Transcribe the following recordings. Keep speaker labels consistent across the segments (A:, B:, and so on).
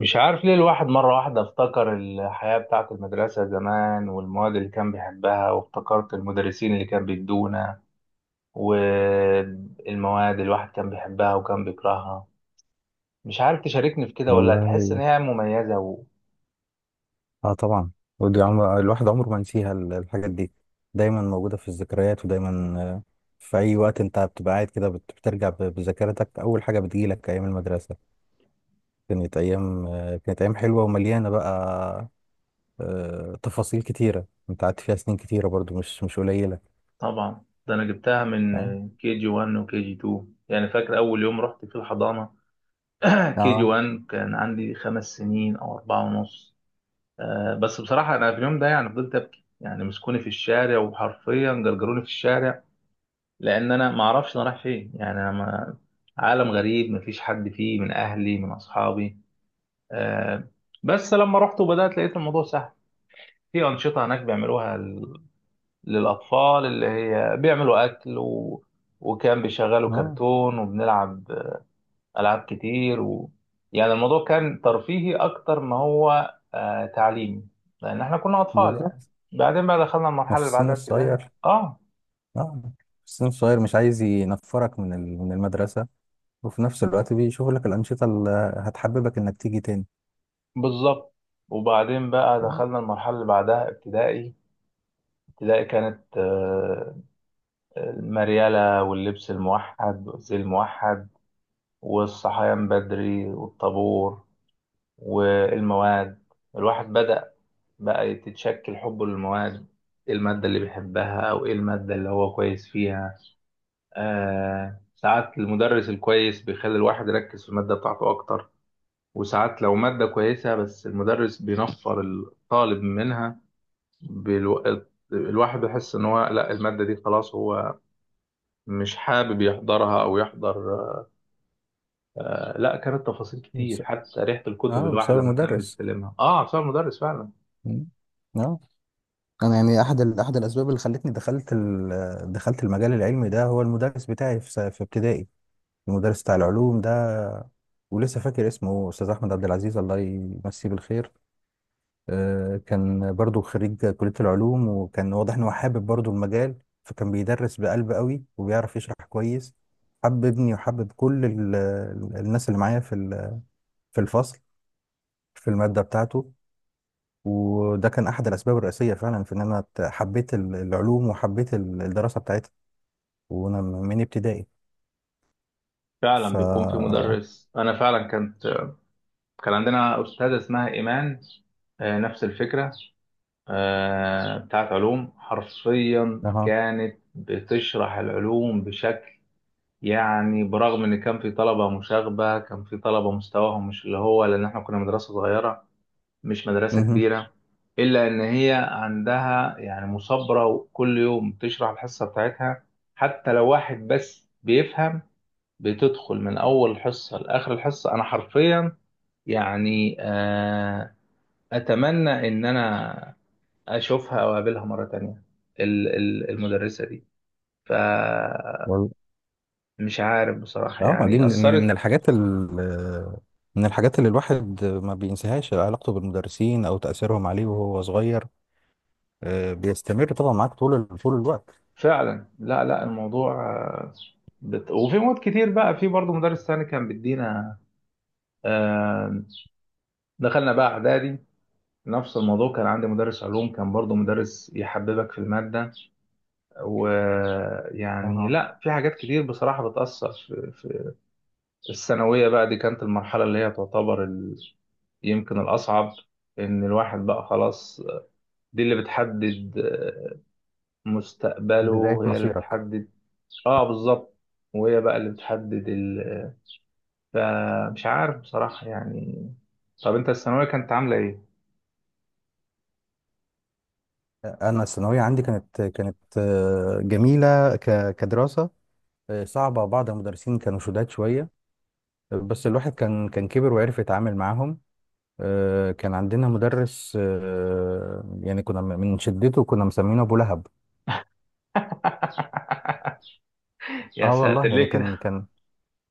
A: مش عارف ليه الواحد مرة واحدة افتكر الحياة بتاعة المدرسة زمان والمواد اللي كان بيحبها وافتكرت المدرسين اللي كان بيدونا والمواد اللي الواحد كان بيحبها وكان بيكرهها. مش عارف تشاركني في كده ولا
B: والله.
A: تحس إن هي مميزة
B: اه، طبعا. ودي عمر الواحد عمره ما ينسيها الحاجات دي. دايما موجودة في الذكريات ودايما في أي وقت أنت بتبقى قاعد كده بترجع بذاكرتك، أول حاجة بتجيلك أيام المدرسة. كانت أيام، كانت أيام حلوة ومليانة بقى، تفاصيل كتيرة. أنت قعدت فيها سنين كتيرة برضو، مش قليلة.
A: طبعا ده أنا جبتها
B: اه.
A: من كي جي 1 وكي جي 2، يعني فاكر أول يوم رحت في الحضانة. كي جي
B: اه.
A: 1 كان عندي 5 سنين أو 4 ونص. بس بصراحة أنا في اليوم ده يعني فضلت أبكي، يعني مسكوني في الشارع وحرفيا جرجروني في الشارع، لان انا ما اعرفش انا رايح فين، يعني انا ما عالم غريب، ما فيش حد فيه من اهلي من اصحابي. آه بس لما رحت وبدات لقيت الموضوع سهل. في انشطه هناك بيعملوها للاطفال، اللي هي بيعملوا اكل وكان بيشغلوا
B: اه،
A: كرتون وبنلعب العاب كتير يعني الموضوع كان ترفيهي اكتر ما هو تعليمي، لان احنا كنا اطفال يعني.
B: بالظبط.
A: بعدين بقى دخلنا
B: ما
A: المرحله
B: في
A: اللي
B: السن
A: بعدها ابتدائي.
B: الصغير.
A: اه،
B: اه، في السن الصغير مش عايز ينفرك من من المدرسة، وفي نفس الوقت بيشوف لك الأنشطة اللي هتحببك إنك تيجي تاني.
A: بالظبط. وبعدين بقى
B: تمام؟
A: دخلنا المرحلة اللي بعدها ابتدائي. ابتدائي كانت، المريالة واللبس الموحد والزي الموحد والصحيان بدري والطابور والمواد. الواحد بدأ بقى يتشكل حبه للمواد، ايه المادة اللي بيحبها او ايه المادة اللي هو كويس فيها. ساعات المدرس الكويس بيخلي الواحد يركز في المادة بتاعته أكتر، وساعات لو مادة كويسة بس المدرس بينفر الطالب منها. بالو... الواحد بيحس ان هو، لا، المادة دي خلاص هو مش حابب يحضرها او يحضر. لا، كانت تفاصيل كتير،
B: بس-
A: حتى ريحة الكتب
B: اه،
A: الواحد
B: بسبب
A: لما كان
B: المدرس.
A: بيستلمها، بسبب المدرس فعلا.
B: مم. اه، انا يعني احد احد الاسباب اللي خلتني دخلت دخلت المجال العلمي ده هو المدرس بتاعي في في ابتدائي. المدرس بتاع العلوم ده، ولسه فاكر اسمه استاذ احمد عبد العزيز، الله يمسيه بالخير. آه، كان برضو خريج كلية العلوم، وكان واضح إن هو حابب برضو المجال، فكان بيدرس بقلب قوي وبيعرف يشرح كويس. حببني وحبب كل الناس اللي معايا في في الفصل، في المادة بتاعته. وده كان أحد الأسباب الرئيسية فعلا في إن أنا حبيت العلوم وحبيت الدراسة بتاعتها، وأنا من ابتدائي. ف
A: فعلا بيكون في مدرس، انا فعلا كانت، كان عندنا استاذة اسمها ايمان. نفس الفكرة. بتاعت علوم، حرفيا
B: أها.
A: كانت بتشرح العلوم بشكل، يعني برغم ان كان في طلبة مشاغبة، كان في طلبة مستواهم مش اللي هو، لان احنا كنا مدرسة صغيرة، مش مدرسة
B: مهم.
A: كبيرة، إلا إن هي عندها يعني مثابرة، وكل يوم بتشرح الحصة بتاعتها حتى لو واحد بس بيفهم. بتدخل من أول حصة لآخر الحصة، أنا حرفيا يعني أتمنى إن أنا أشوفها أو أقابلها مرة تانية. المدرسة دي، فمش عارف بصراحة،
B: اه، دي
A: يعني
B: من
A: أثرت
B: الحاجات من الحاجات اللي الواحد ما بينساهاش، علاقته بالمدرسين او تأثيرهم عليه وهو صغير. آه، بيستمر طبعا معاك طول طول الوقت.
A: فعلا. لا، لا، الموضوع آه، وفي مواد كتير بقى، في برضه مدرس تاني كان بيدينا. آه، دخلنا بقى اعدادي، نفس الموضوع، كان عندي مدرس علوم كان برضو مدرس يحببك في المادة. ويعني
B: اها.
A: لا، في حاجات كتير بصراحة بتأثر في الثانوية بقى. دي كانت المرحلة اللي هي تعتبر يمكن الأصعب، إن الواحد بقى خلاص، دي اللي بتحدد
B: بداية
A: مستقبله، هي اللي
B: مصيرك.
A: بتحدد. اه، بالظبط. وهي بقى اللي بتحدد فمش عارف بصراحة يعني. طب انت الثانوية كانت عاملة ايه؟
B: انا الثانوية عندي كانت جميلة كدراسة. آه، صعبة. بعض المدرسين كانوا شداد شوية، آه، بس الواحد كان كبر وعرف يتعامل معاهم. آه، كان عندنا مدرس، آه، يعني من شدته كنا مسمينه ابو لهب.
A: يا
B: اه
A: ساتر،
B: والله، يعني
A: ليه
B: كان
A: كده.
B: كان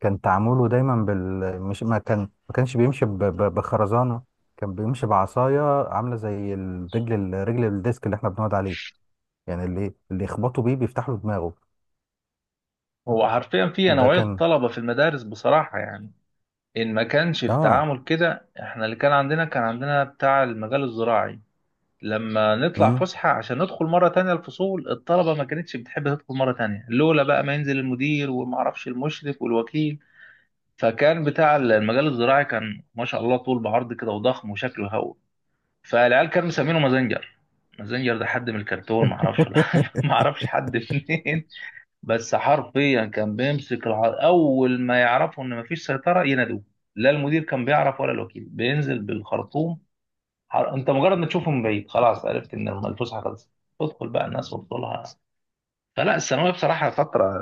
B: كان تعامله دايما بال مش ما كانش بيمشي بخرزانه، كان بيمشي بعصايه عامله زي الرجل الديسك اللي احنا بنقعد عليه، يعني اللي يخبطوا بيه بيفتح له دماغه.
A: هو حرفيا في
B: ده
A: نوعية
B: كان
A: طلبة في المدارس بصراحة يعني، إن ما كانش
B: اه.
A: التعامل كده. إحنا اللي كان عندنا بتاع المجال الزراعي، لما نطلع
B: امم.
A: فسحة عشان ندخل مرة تانية الفصول، الطلبة ما كانتش بتحب تدخل مرة تانية لولا بقى ما ينزل المدير ومعرفش المشرف والوكيل. فكان بتاع المجال الزراعي، كان ما شاء الله طول بعرض كده وضخم وشكله هو، فالعيال كانوا مسمينه مازنجر. مازنجر ده حد من الكرتون، معرفش معرفش حد منين. بس حرفيا كان بيمسك اول ما يعرفوا ان مفيش سيطره ينادوه. لا المدير كان بيعرف ولا الوكيل، بينزل بالخرطوم. انت مجرد ما تشوفه من بعيد خلاص عرفت ان الفسحه خلصت، تدخل بقى الناس وتطلها. فلا، الثانويه بصراحه فتره،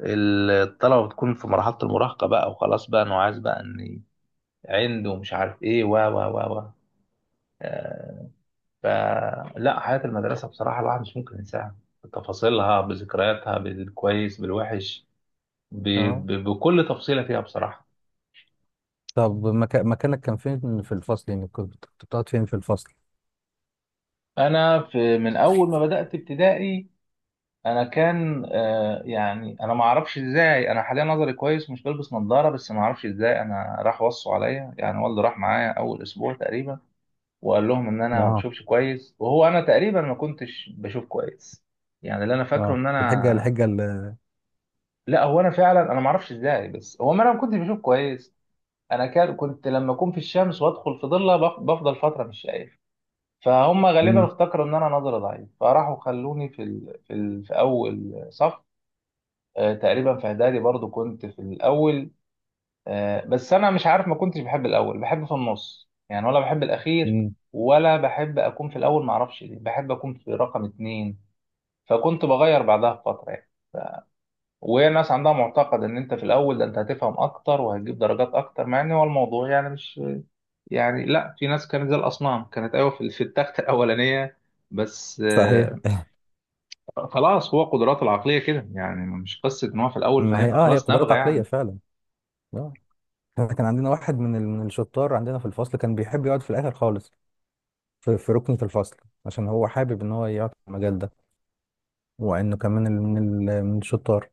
A: الطلبه بتكون في مرحله المراهقه بقى، وخلاص بقى انه عايز بقى، ان عنده مش عارف ايه و و و و آه، فلا حياه المدرسه بصراحه الواحد مش ممكن ينساها، بتفاصيلها، بذكرياتها، بالكويس بالوحش، ب...
B: اه.
A: بكل تفصيلة فيها بصراحة.
B: طب مكانك كان فين في الفصل؟ يعني كنت بتقعد فين في الفصل؟
A: أنا في من أول ما بدأت ابتدائي، أنا كان يعني أنا ما أعرفش إزاي. أنا حاليا نظري كويس، مش بلبس نظارة، بس ما أعرفش إزاي. أنا راح وصوا عليا، يعني والدي راح معايا أول أسبوع تقريبا وقال لهم إن أنا ما
B: اه.
A: بشوفش كويس، وهو أنا تقريبا ما كنتش بشوف كويس. يعني اللي أنا فاكره
B: اه،
A: إن أنا،
B: الحجه
A: لا، هو أنا فعلا، أنا ما أعرفش إزاي، بس هو، ما أنا ما كنتش بشوف كويس. أنا كنت لما أكون في الشمس وأدخل في ضلة بفضل فترة مش شايف. فهم غالبا
B: مم.
A: افتكروا ان انا نظري ضعيف، فراحوا خلوني في اول صف. تقريبا في اعدادي برضو كنت في الاول. بس انا مش عارف، ما كنتش بحب الاول، بحب في النص يعني، ولا بحب الاخير،
B: مم.
A: ولا بحب اكون في الاول. ما اعرفش ليه بحب اكون في رقم اتنين، فكنت بغير بعدها بفتره يعني. وهي الناس عندها معتقد ان انت في الاول، ده انت هتفهم اكتر وهتجيب درجات اكتر، مع ان هو الموضوع يعني مش، يعني لا، في ناس كانت زي الاصنام، كانت ايوه في التخت الاولانيه. بس
B: صحيح.
A: خلاص، هو قدراته العقلية كده، يعني مش قصة ان هو في الاول
B: ما هي
A: فهيبقى
B: اه، هي
A: خلاص
B: قدرات
A: نابغة
B: عقليه
A: يعني.
B: فعلا. اه، احنا كان عندنا واحد من من الشطار عندنا في الفصل، كان بيحب يقعد في الاخر خالص، في ركنة الفصل، عشان هو حابب ان هو يقعد في المجال ده، وانه كمان من الشطار.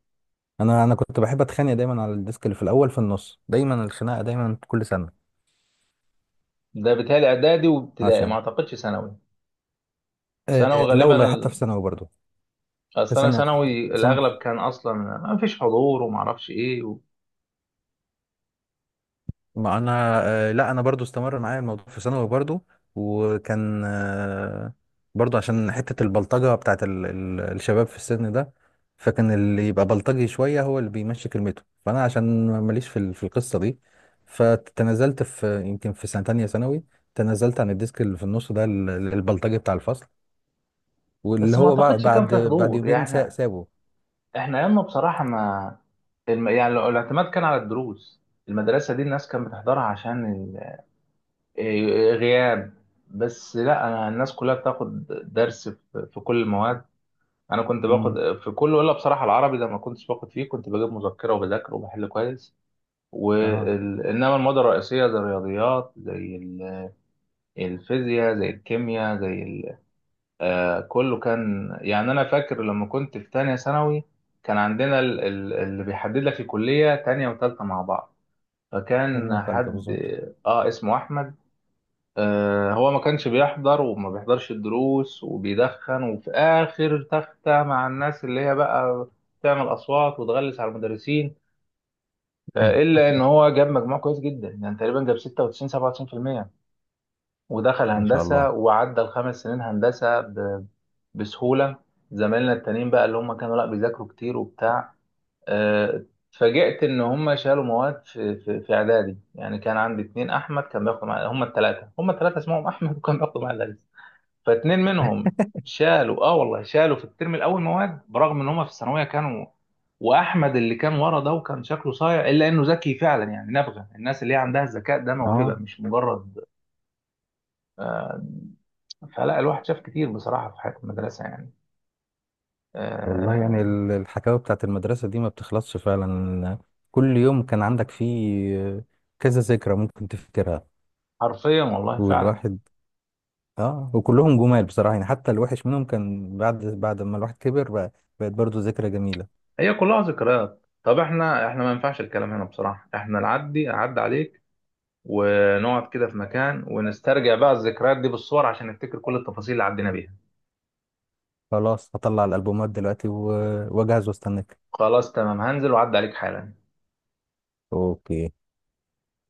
B: انا كنت بحب اتخانق دايما على الديسك اللي في الاول في النص، دايما الخناقه دايما كل سنه
A: ده بيتهيألي اعدادي وابتدائي، ما
B: عشان.
A: اعتقدش ثانوي.
B: آه
A: ثانوي
B: لا
A: غالبا
B: والله، حتى في ثانوي برضه، في
A: اصل انا
B: سنه،
A: ثانوي، الاغلب كان اصلا ما فيش حضور، وما اعرفش ايه
B: ما انا آه، لا انا برضو استمر معايا الموضوع في ثانوي برضو. وكان آه، برضو عشان حتة البلطجة بتاعت الشباب في السن ده، فكان اللي يبقى بلطجي شوية هو اللي بيمشي كلمته، فانا عشان ماليش في في القصة دي، فتنازلت في يمكن في سنة تانية ثانوي، تنازلت عن الديسك اللي في النص ده. البلطجي بتاع الفصل، واللي
A: بس ما
B: هو
A: اعتقدش كان
B: بعد
A: في
B: بعد
A: حضور، يعني
B: يومين
A: احنا،
B: سابه.
A: ايامنا بصراحة ما. الاعتماد كان على الدروس. المدرسة دي الناس كانت بتحضرها عشان إيه- غياب. بس لا، انا الناس كلها بتاخد درس في في كل المواد. انا كنت
B: امم.
A: باخد في كله الا بصراحه العربي، ده ما كنتش باخد فيه، كنت بجيب مذكره وبذاكر وبحل كويس.
B: اها.
A: انما الماده الرئيسيه زي الرياضيات الفيزياء زي الكيمياء كله كان يعني. انا فاكر لما كنت في تانية ثانوي كان عندنا اللي بيحدد لك الكليه، تانية وتالتة مع بعض.
B: تانية
A: فكان
B: وتالتة
A: حد
B: بالظبط.
A: اه اسمه احمد. هو ما كانش بيحضر وما بيحضرش الدروس، وبيدخن وفي آخر تختة مع الناس اللي هي بقى تعمل أصوات وتغلس على المدرسين. إلا إن هو جاب مجموع كويس جدا، يعني تقريبا جاب 96 97%، ودخل
B: ما شاء
A: هندسة
B: الله.
A: وعدى الخمس سنين هندسة بسهولة. زمايلنا التانيين بقى اللي هم كانوا لا بيذاكروا كتير وبتاع، آه، اتفاجئت إن هم شالوا مواد في إعدادي، يعني كان عندي اتنين أحمد كان بياخدوا معايا، هم التلاتة اسمهم أحمد وكان بياخدوا معايا. فاتنين منهم شالوا، اه والله، شالوا في الترم الاول مواد، برغم ان هم في الثانويه كانوا. واحمد اللي كان ورا ده وكان شكله صايع الا انه ذكي فعلا، يعني نبغه. الناس اللي هي عندها الذكاء ده موهبه،
B: اه
A: مش مجرد. فلا الواحد شاف كتير بصراحه في حياه المدرسه يعني.
B: والله، يعني
A: آه
B: الحكاوي بتاعت المدرسة دي ما بتخلصش فعلا. كل يوم كان عندك فيه كذا ذكرى ممكن تفتكرها.
A: حرفيا، والله، فعلا.
B: والواحد، اه، وكلهم جمال بصراحة، يعني حتى الوحش منهم كان بعد ما الواحد كبر بقى بقت برضه ذكرى جميلة.
A: هي كلها ذكريات. طب احنا، ما ينفعش الكلام هنا بصراحه، احنا اعدي عليك، ونقعد كده في مكان، ونسترجع بقى الذكريات دي بالصور عشان نفتكر كل التفاصيل اللي عدينا بيها.
B: خلاص هطلع الألبومات دلوقتي واجهز واستناك.
A: خلاص تمام، هنزل وعدي عليك حالا.
B: اوكي.